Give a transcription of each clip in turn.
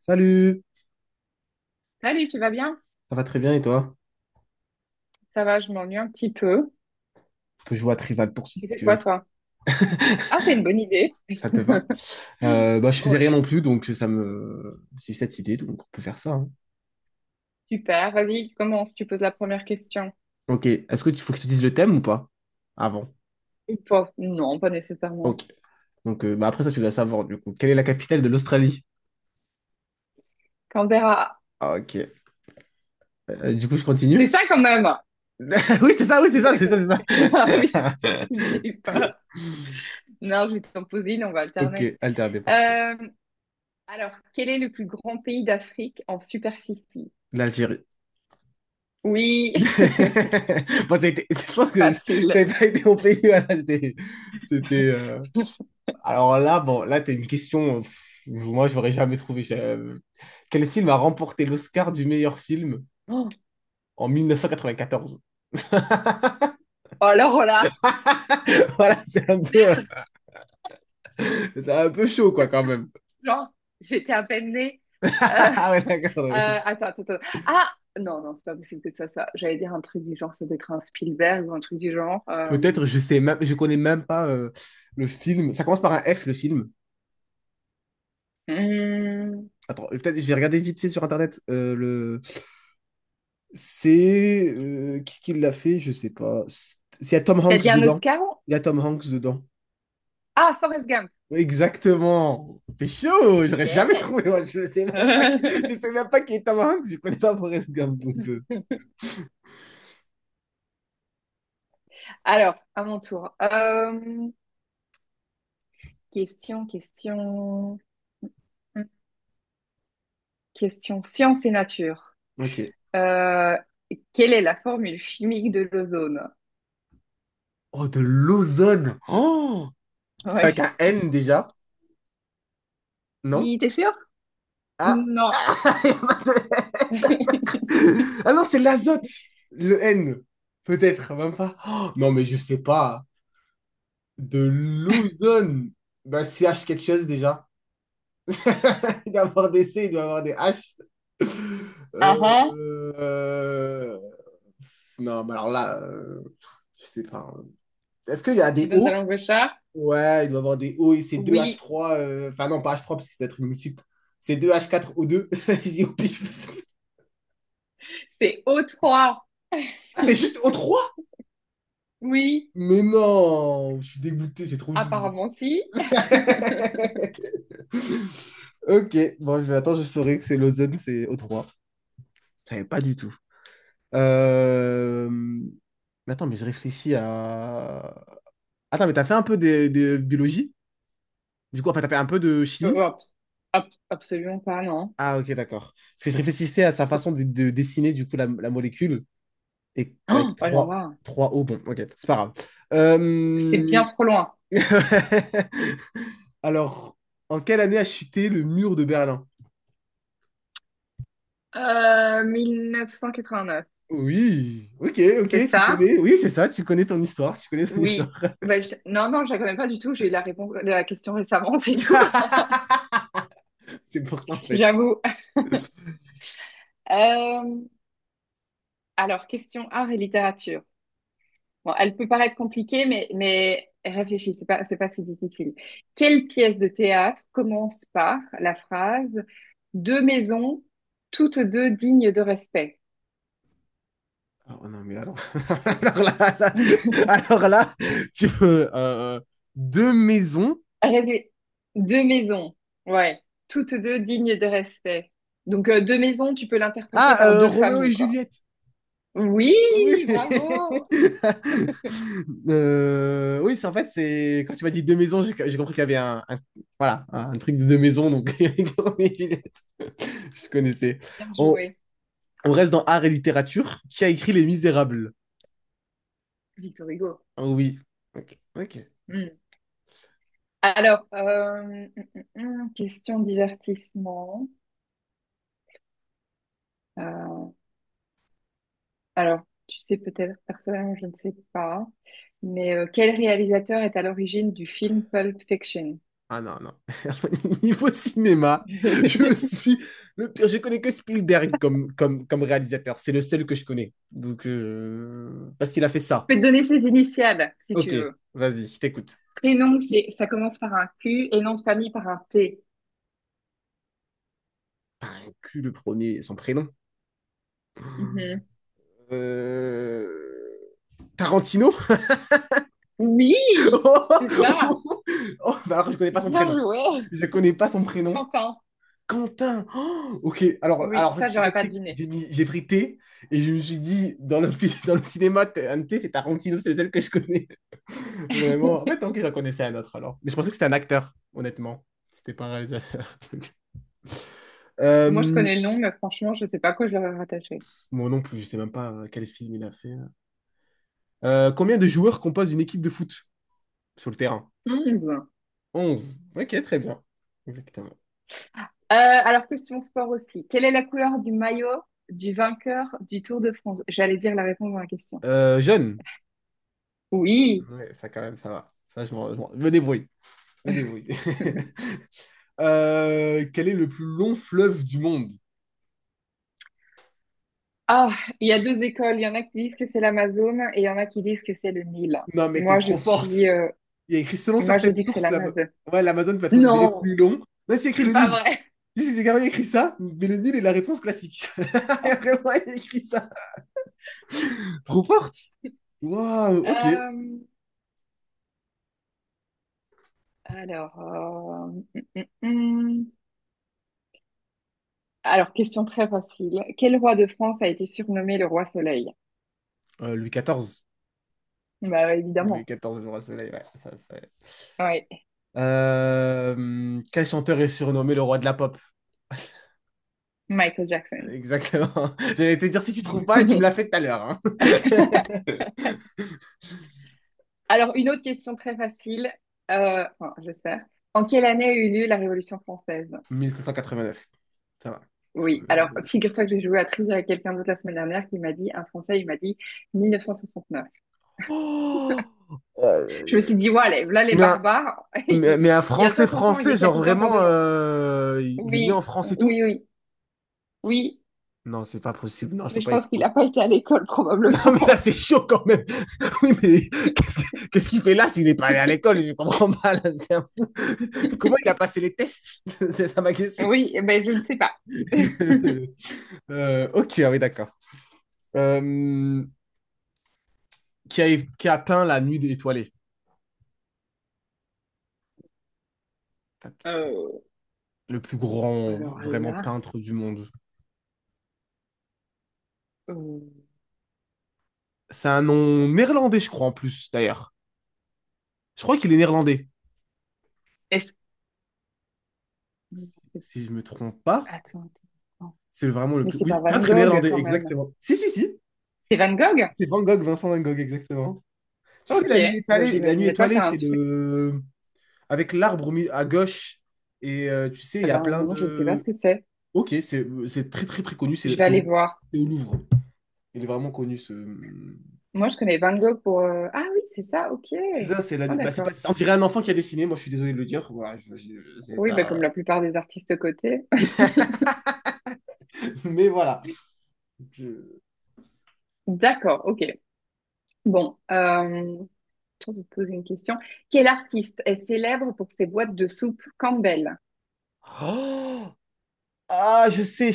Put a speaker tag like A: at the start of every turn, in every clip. A: Salut,
B: Salut, tu vas bien?
A: ça va très bien et toi?
B: Ça va, je m'ennuie un petit peu.
A: On peut jouer à Trivial Poursuit
B: Tu
A: si
B: fais
A: tu
B: quoi,
A: veux,
B: toi? Ah, c'est une bonne idée.
A: ça te va. Bah, je faisais
B: Ouais,
A: rien non plus, donc ça me... J'ai eu cette idée, donc on peut faire ça, hein.
B: super. Vas-y, commence. Tu poses la première question.
A: Ok, est-ce que tu faut que je te dise le thème ou pas? Avant.
B: Ils peuvent. Non, pas nécessairement.
A: Ok, donc bah, après ça tu dois savoir du coup. Quelle est la capitale de l'Australie?
B: Canberra.
A: Ah, ok, du coup je
B: C'est
A: continue?
B: ça quand même.
A: Oui, c'est
B: C'est
A: ça,
B: la
A: c'est ça, c'est ça.
B: Ah oui, j'ai eu peur. Non, je vais t'en poser une, on va
A: Ok,
B: alterner.
A: alterné, parfait.
B: Euh, alors, quel est le plus grand pays d'Afrique en superficie?
A: L'Algérie.
B: Oui,
A: Bon, je pense que ça
B: facile.
A: n'avait pas été mon pays, voilà. C'était, euh, Alors là, bon, là, t'as une question. Pff, moi, je n'aurais jamais trouvé. Quel film a remporté l'Oscar du meilleur film en 1994?
B: Oh, alors là.
A: Voilà, c'est un peu chaud, quoi, quand même.
B: Genre, j'étais à peine née. Euh,
A: Ah ouais,
B: euh,
A: d'accord, oui.
B: attends, attends, attends. Ah, non, non, c'est pas possible que ce soit ça. J'allais dire un truc du genre, ça doit être un Spielberg ou un truc du genre. Euh...
A: Peut-être, je connais même pas le film. Ça commence par un F, le film.
B: hmm.
A: Attends, peut-être, je vais regarder vite fait sur Internet. C'est qui l'a fait? Je sais pas. Il y a Tom
B: T'as
A: Hanks
B: dit un
A: dedans.
B: Oscar?
A: Il y a Tom Hanks dedans.
B: Ah, Forrest Gump.
A: Exactement. T'es chaud, j'aurais jamais trouvé.
B: Yes.
A: Moi. Je sais même pas qui est Tom Hanks, je connais pas Forrest Gump. Donc,
B: Alors, à mon tour. Question, question, question science et nature.
A: ok.
B: Euh, quelle est la formule chimique de l'ozone?
A: Oh, de l'ozone. Oh, c'est avec
B: Oui.
A: un N déjà, non?
B: T'es sûr?
A: Ah,
B: Non.
A: il y a pas de- ah non, c'est l'azote, le N. Peut-être, même pas. Oh, non, mais je sais pas. De l'ozone. Bah, C H quelque chose déjà. Il doit avoir des C, il doit avoir des H. Euh,
B: Ah ah,
A: euh, Non, mais alors là, je sais pas, hein. Est-ce qu'il y a
B: tu
A: des
B: donnes ta
A: O?
B: langue au chat?
A: Ouais, il doit avoir des O et c'est deux h
B: Oui.
A: trois. Enfin, non, pas h trois, parce que c'est être une multiple. C'est deux h quatre o deux. Je dis au pif.
B: C'est O3.
A: Ah, c'est juste o trois.
B: Oui.
A: Mais non, je suis dégoûté, c'est trop dur.
B: Apparemment, si.
A: Ok, bon, je vais attendre, je saurai que c'est l'ozone, c'est o trois. Je savais pas du tout. Euh, mais attends, mais je réfléchis à... Attends, mais t'as fait un peu de biologie? Du coup, enfin, t'as fait un peu de
B: Euh,
A: chimie?
B: hop, hop, absolument pas, non.
A: Ah, ok, d'accord. Parce que je réfléchissais à sa
B: Oh,
A: façon de dessiner, du coup, la molécule. Et avec
B: oh là
A: trois,
B: là,
A: trois O, bon, ok, c'est pas grave.
B: c'est bien
A: Euh,
B: trop loin.
A: Alors, en quelle année a chuté le mur de Berlin?
B: 1989.
A: Oui, ok, ok,
B: C'est
A: tu
B: ça?
A: connais. Oui, c'est ça, tu connais ton histoire, tu connais ton histoire.
B: Oui. Bah, non, non, je la connais pas du tout. J'ai eu la réponse, la question récemment, c'est tout.
A: C'est pour ça, en fait.
B: J'avoue. Euh, Alors question art et littérature. Bon, elle peut paraître compliquée, mais réfléchis, c'est pas si difficile. Quelle pièce de théâtre commence par la phrase Deux maisons, toutes deux dignes de respect?
A: Ah, oh non, mais alors, alors là, là- alors là, tu veux deux maisons.
B: Rêver. Deux maisons, ouais, toutes deux dignes de respect. Donc, deux maisons, tu peux l'interpréter
A: Ah,
B: par deux
A: Roméo et
B: familles, quoi.
A: Juliette.
B: Oui,
A: Oui.
B: bravo,
A: Oui, c'est en fait, c'est quand tu m'as dit deux maisons, j'ai compris qu'il y avait voilà, un truc de deux maisons, donc Roméo et Juliette, je connaissais.
B: bien
A: On,
B: joué,
A: on reste dans art et littérature. Qui a écrit Les Misérables?
B: Victor Hugo.
A: Oh oui. Ok. Ok.
B: Hmm. Alors, hum, question divertissement. Euh, Alors tu sais peut-être personnellement, je ne sais pas, mais quel réalisateur est à l'origine du film Pulp Fiction?
A: Ah non, non. Niveau cinéma, je
B: Je
A: suis le pire. Je connais que Spielberg comme réalisateur. C'est le seul que je connais. Donc, parce qu'il a fait ça.
B: peux te donner ses initiales, si tu
A: Ok,
B: veux.
A: vas-y, je t'écoute.
B: Prénom, c'est, ça commence par un Q et nom de famille par un T.
A: Pas un cul le premier, son prénom.
B: Mhm.
A: Euh, Tarantino?
B: Oui,
A: Oh,
B: c'est ça.
A: oh, oh, bah alors, je connais pas son
B: Bien
A: prénom.
B: joué,
A: Je connais pas son prénom.
B: Quentin.
A: Quentin. Oh, ok, alors,
B: Oui,
A: alors
B: ça, je
A: je
B: l'aurais pas
A: t'explique.
B: deviné.
A: J'ai pris T et je me suis dit, dans le cinéma, un T, c'est Tarantino, c'est le seul que je connais. Vraiment. En fait, ok, j'en connaissais un autre alors. Mais je pensais que c'était un acteur, honnêtement. C'était pas un réalisateur.
B: Moi, je
A: Euh,
B: connais le nom, mais franchement, je ne sais pas à quoi je l'aurais rattaché.
A: Moi non plus, je sais même pas quel film il a fait. Combien de joueurs composent une équipe de foot sur le terrain?
B: 11. Euh,
A: 11. Ok, très bien. Exactement.
B: alors, question sport aussi. Quelle est la couleur du maillot du vainqueur du Tour de France? J'allais dire la réponse dans la question.
A: Jeune.
B: Oui.
A: Ouais, ça quand même, ça va. Ça, je me débrouille. Je me débrouille. Quel est le plus long fleuve du monde?
B: Ah, il y a deux écoles. Il y en a qui disent que c'est l'Amazone et il y en a qui disent que c'est le Nil.
A: Non, mais t'es
B: Moi, je
A: trop forte.
B: suis.
A: Il y a écrit selon
B: Moi, je
A: certaines
B: dis que c'est
A: sources,
B: l'Amazone.
A: ouais, l'Amazon peut être considéré plus
B: Non,
A: long. Là, c'est écrit
B: c'est
A: le
B: pas
A: Nil.
B: vrai.
A: Si, si, c'est carrément écrit ça, mais le nul est la réponse classique. Vraiment, il écrit ça. Trop forte. Waouh, ok.
B: Euh, alors. Alors, question très facile. Quel roi de France a été surnommé le roi Soleil?
A: Louis XIV.
B: Bah,
A: Louis
B: évidemment.
A: XIV, le roi soleil, ouais, ça, ça.
B: Oui,
A: Quel chanteur est surnommé le roi de la pop?
B: Michael Jackson.
A: Exactement. J'allais te dire si tu trouves pas et tu me l'as fait tout à l'heure, hein.
B: Alors, une autre question très facile, enfin, j'espère. En quelle année a eu lieu la Révolution française?
A: 1789. Ça va. Tu
B: Oui,
A: me
B: alors
A: débrouilles.
B: figure-toi que j'ai joué à Trivia avec quelqu'un d'autre la semaine dernière qui m'a dit, un Français, il m'a dit 1969.
A: Oh,
B: Je me
A: Euh,
B: suis dit, ouais, là les
A: mais, un,
B: barbares,
A: mais, mais un
B: il y a
A: français
B: 500 ans, il
A: français, genre
B: décapitait encore
A: vraiment,
B: des gens.
A: il est né en
B: Oui,
A: France et tout?
B: oui, oui, oui,
A: Non, c'est pas possible. Non, je
B: mais
A: peux
B: je
A: pas y
B: pense qu'il
A: croire.
B: n'a pas été à l'école
A: Non, mais là,
B: probablement.
A: c'est chaud quand même. Oui, mais qu'est-ce qu'il fait là s'il n'est pas allé à l'école? Je comprends pas. Là, c'est un peu... Comment il a passé les tests? C'est ça ma question.
B: Oui, eh ben je ne sais pas.
A: Ok, ah oui, d'accord. Euh, qui a peint La Nuit étoilée? Tac.
B: Euh,
A: Le plus grand,
B: alors
A: vraiment,
B: là,
A: peintre du monde.
B: euh,
A: C'est un nom néerlandais, je crois, en plus, d'ailleurs. Je crois qu'il est néerlandais.
B: est-ce
A: Si je me trompe pas,
B: Attends, attends, attends.
A: c'est vraiment le
B: Mais
A: plus...
B: c'est
A: Oui,
B: pas Van
A: peintre
B: Gogh
A: néerlandais,
B: quand même.
A: exactement. Si, si, si.
B: C'est Van Gogh?
A: C'est Van Gogh, Vincent Van Gogh, exactement. Tu sais,
B: Ok. Moi,
A: la nuit
B: j'imaginais pas
A: étoilée,
B: faire un
A: c'est
B: truc.
A: le. Avec l'arbre à gauche. Et tu sais, il
B: Eh
A: y a
B: ben
A: plein
B: non, je ne sais pas ce
A: de.
B: que c'est.
A: Ok, c'est très très très connu.
B: Je
A: C'est
B: vais
A: c'est
B: aller
A: au,
B: voir.
A: c'est au Louvre. Il est vraiment connu ce.
B: Moi, je connais Van Gogh pour. Ah oui, c'est ça, ok.
A: C'est ça, c'est la
B: Ah
A: nuit. Bah, c'est pas...
B: d'accord.
A: On dirait un enfant qui a dessiné. Moi, je suis désolé de le dire. Voilà, je sais
B: Oui, bah, comme
A: pas.
B: la plupart des artistes cotés.
A: Mais voilà. Je-
B: D'accord, ok. Bon, je vais te poser une question. Quel artiste est célèbre pour ses boîtes de soupe Campbell?
A: Oh ah, je sais.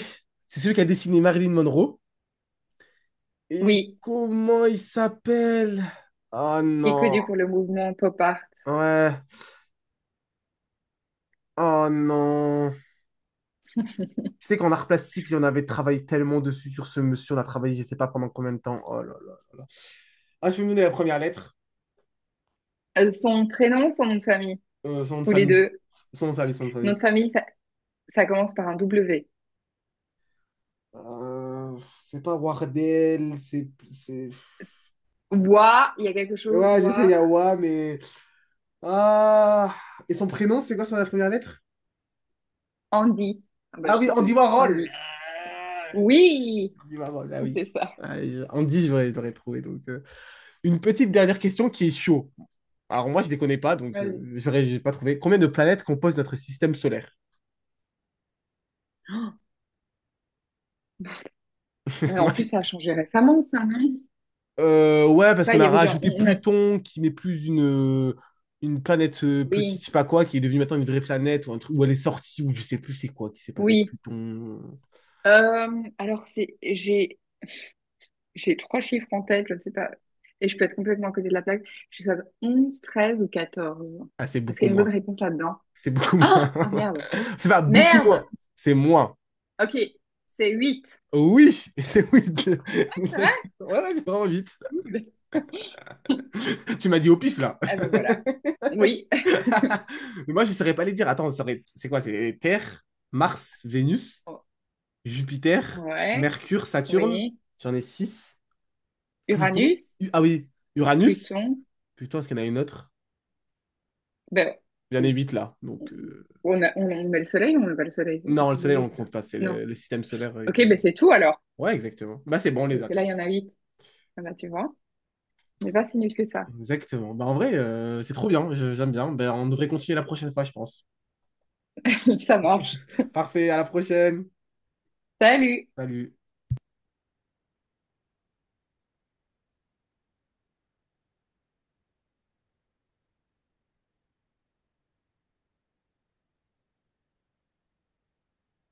A: C'est celui qui a dessiné Marilyn Monroe. Et
B: Oui,
A: comment il s'appelle? Oh
B: qui est
A: non.
B: connu pour le mouvement pop art.
A: Ouais. Oh non. Tu sais qu'en art plastique, j'en avais travaillé tellement dessus sur ce monsieur, on a travaillé, je sais pas pendant combien de temps. Oh là là là là. Ah, je peux me donner la première lettre,
B: Son prénom, son nom de famille,
A: Son nom de
B: ou les
A: famille.
B: deux.
A: Son nom de famille, son nom de
B: Nom de
A: famille.
B: famille, ça commence par un W.
A: Euh, c'est pas Wardel, c'est.
B: S- Wa, il y a quelque chose,
A: Ouais, j'essaie
B: War,
A: Yawa, mais... Ah... Et son prénom, c'est quoi sa première lettre?
B: Andy. Ah bah,
A: Ah
B: je
A: oui,
B: t'ai tout
A: Andy
B: dit.
A: Warhol!
B: Andy.
A: Ah,
B: Oui,
A: Andy Warhol, ah oui.
B: c'est ça.
A: Ah, Andy, je l'aurais trouvé. Donc, une petite dernière question qui est chaud. Alors moi, je ne les connais pas, donc
B: Vas-y.
A: j'ai pas trouvé. Combien de planètes composent notre système solaire?
B: Ouais, en plus, ça a changé récemment, ça, non? Je sais
A: Ouais, parce
B: pas,
A: qu'on
B: il y
A: a
B: avait genre,
A: rajouté
B: on a...
A: Pluton, qui n'est plus une, une planète petite,
B: Oui,
A: je sais pas quoi, qui est devenue maintenant une vraie planète, ou un truc où elle est sortie, ou je sais plus c'est quoi qui s'est passé avec
B: oui.
A: Pluton.
B: Alors, j'ai trois chiffres en tête, je ne sais pas. Et je peux être complètement à côté de la plaque. Je sais pas, 11, 13 ou 14.
A: Ah, c'est
B: Est-ce
A: beaucoup
B: qu'il y a une
A: moins.
B: bonne réponse là-dedans?
A: C'est beaucoup moins.
B: Ah! Ah, merde.
A: c'est pas beaucoup moins,
B: Merde!
A: c'est moins.
B: Ok, c'est huit.
A: Oui, c'est oui.
B: Ouais, c'est vrai?
A: Ouais, ouais, c'est vraiment vite.
B: Cool.
A: Tu m'as dit au pif là.
B: Ah ben voilà. Oui.
A: Mais moi, je saurais pas les dire. Attends, c'est quoi? C'est Terre, Mars, Vénus, Jupiter,
B: Ouais,
A: Mercure, Saturne.
B: oui.
A: J'en ai six. Pluton.
B: Uranus,
A: Ah oui, Uranus.
B: Pluton.
A: Pluton, est-ce qu'il y en a une autre?
B: Ben,
A: Il y en a huit là. Donc,
B: on met le soleil ou on met pas le soleil? C'est une
A: non, le
B: question de
A: Soleil, on ne
B: huit, ça.
A: compte pas. C'est
B: Non.
A: le, système solaire.
B: Ok,
A: Il y a pas
B: ben
A: le
B: c'est
A: Soleil.
B: tout alors.
A: Ouais, exactement. Bah, c'est bon, on les
B: Parce
A: a
B: que là, il y en
A: toutes.
B: a huit. Ah bah, tu vois, on n'est pas si nul que ça.
A: Exactement. Bah, en vrai, c'est trop bien. J'aime bien. Bah, on devrait continuer la prochaine fois, je pense.
B: Ça marche.
A: Parfait, à la prochaine.
B: Salut!
A: Salut.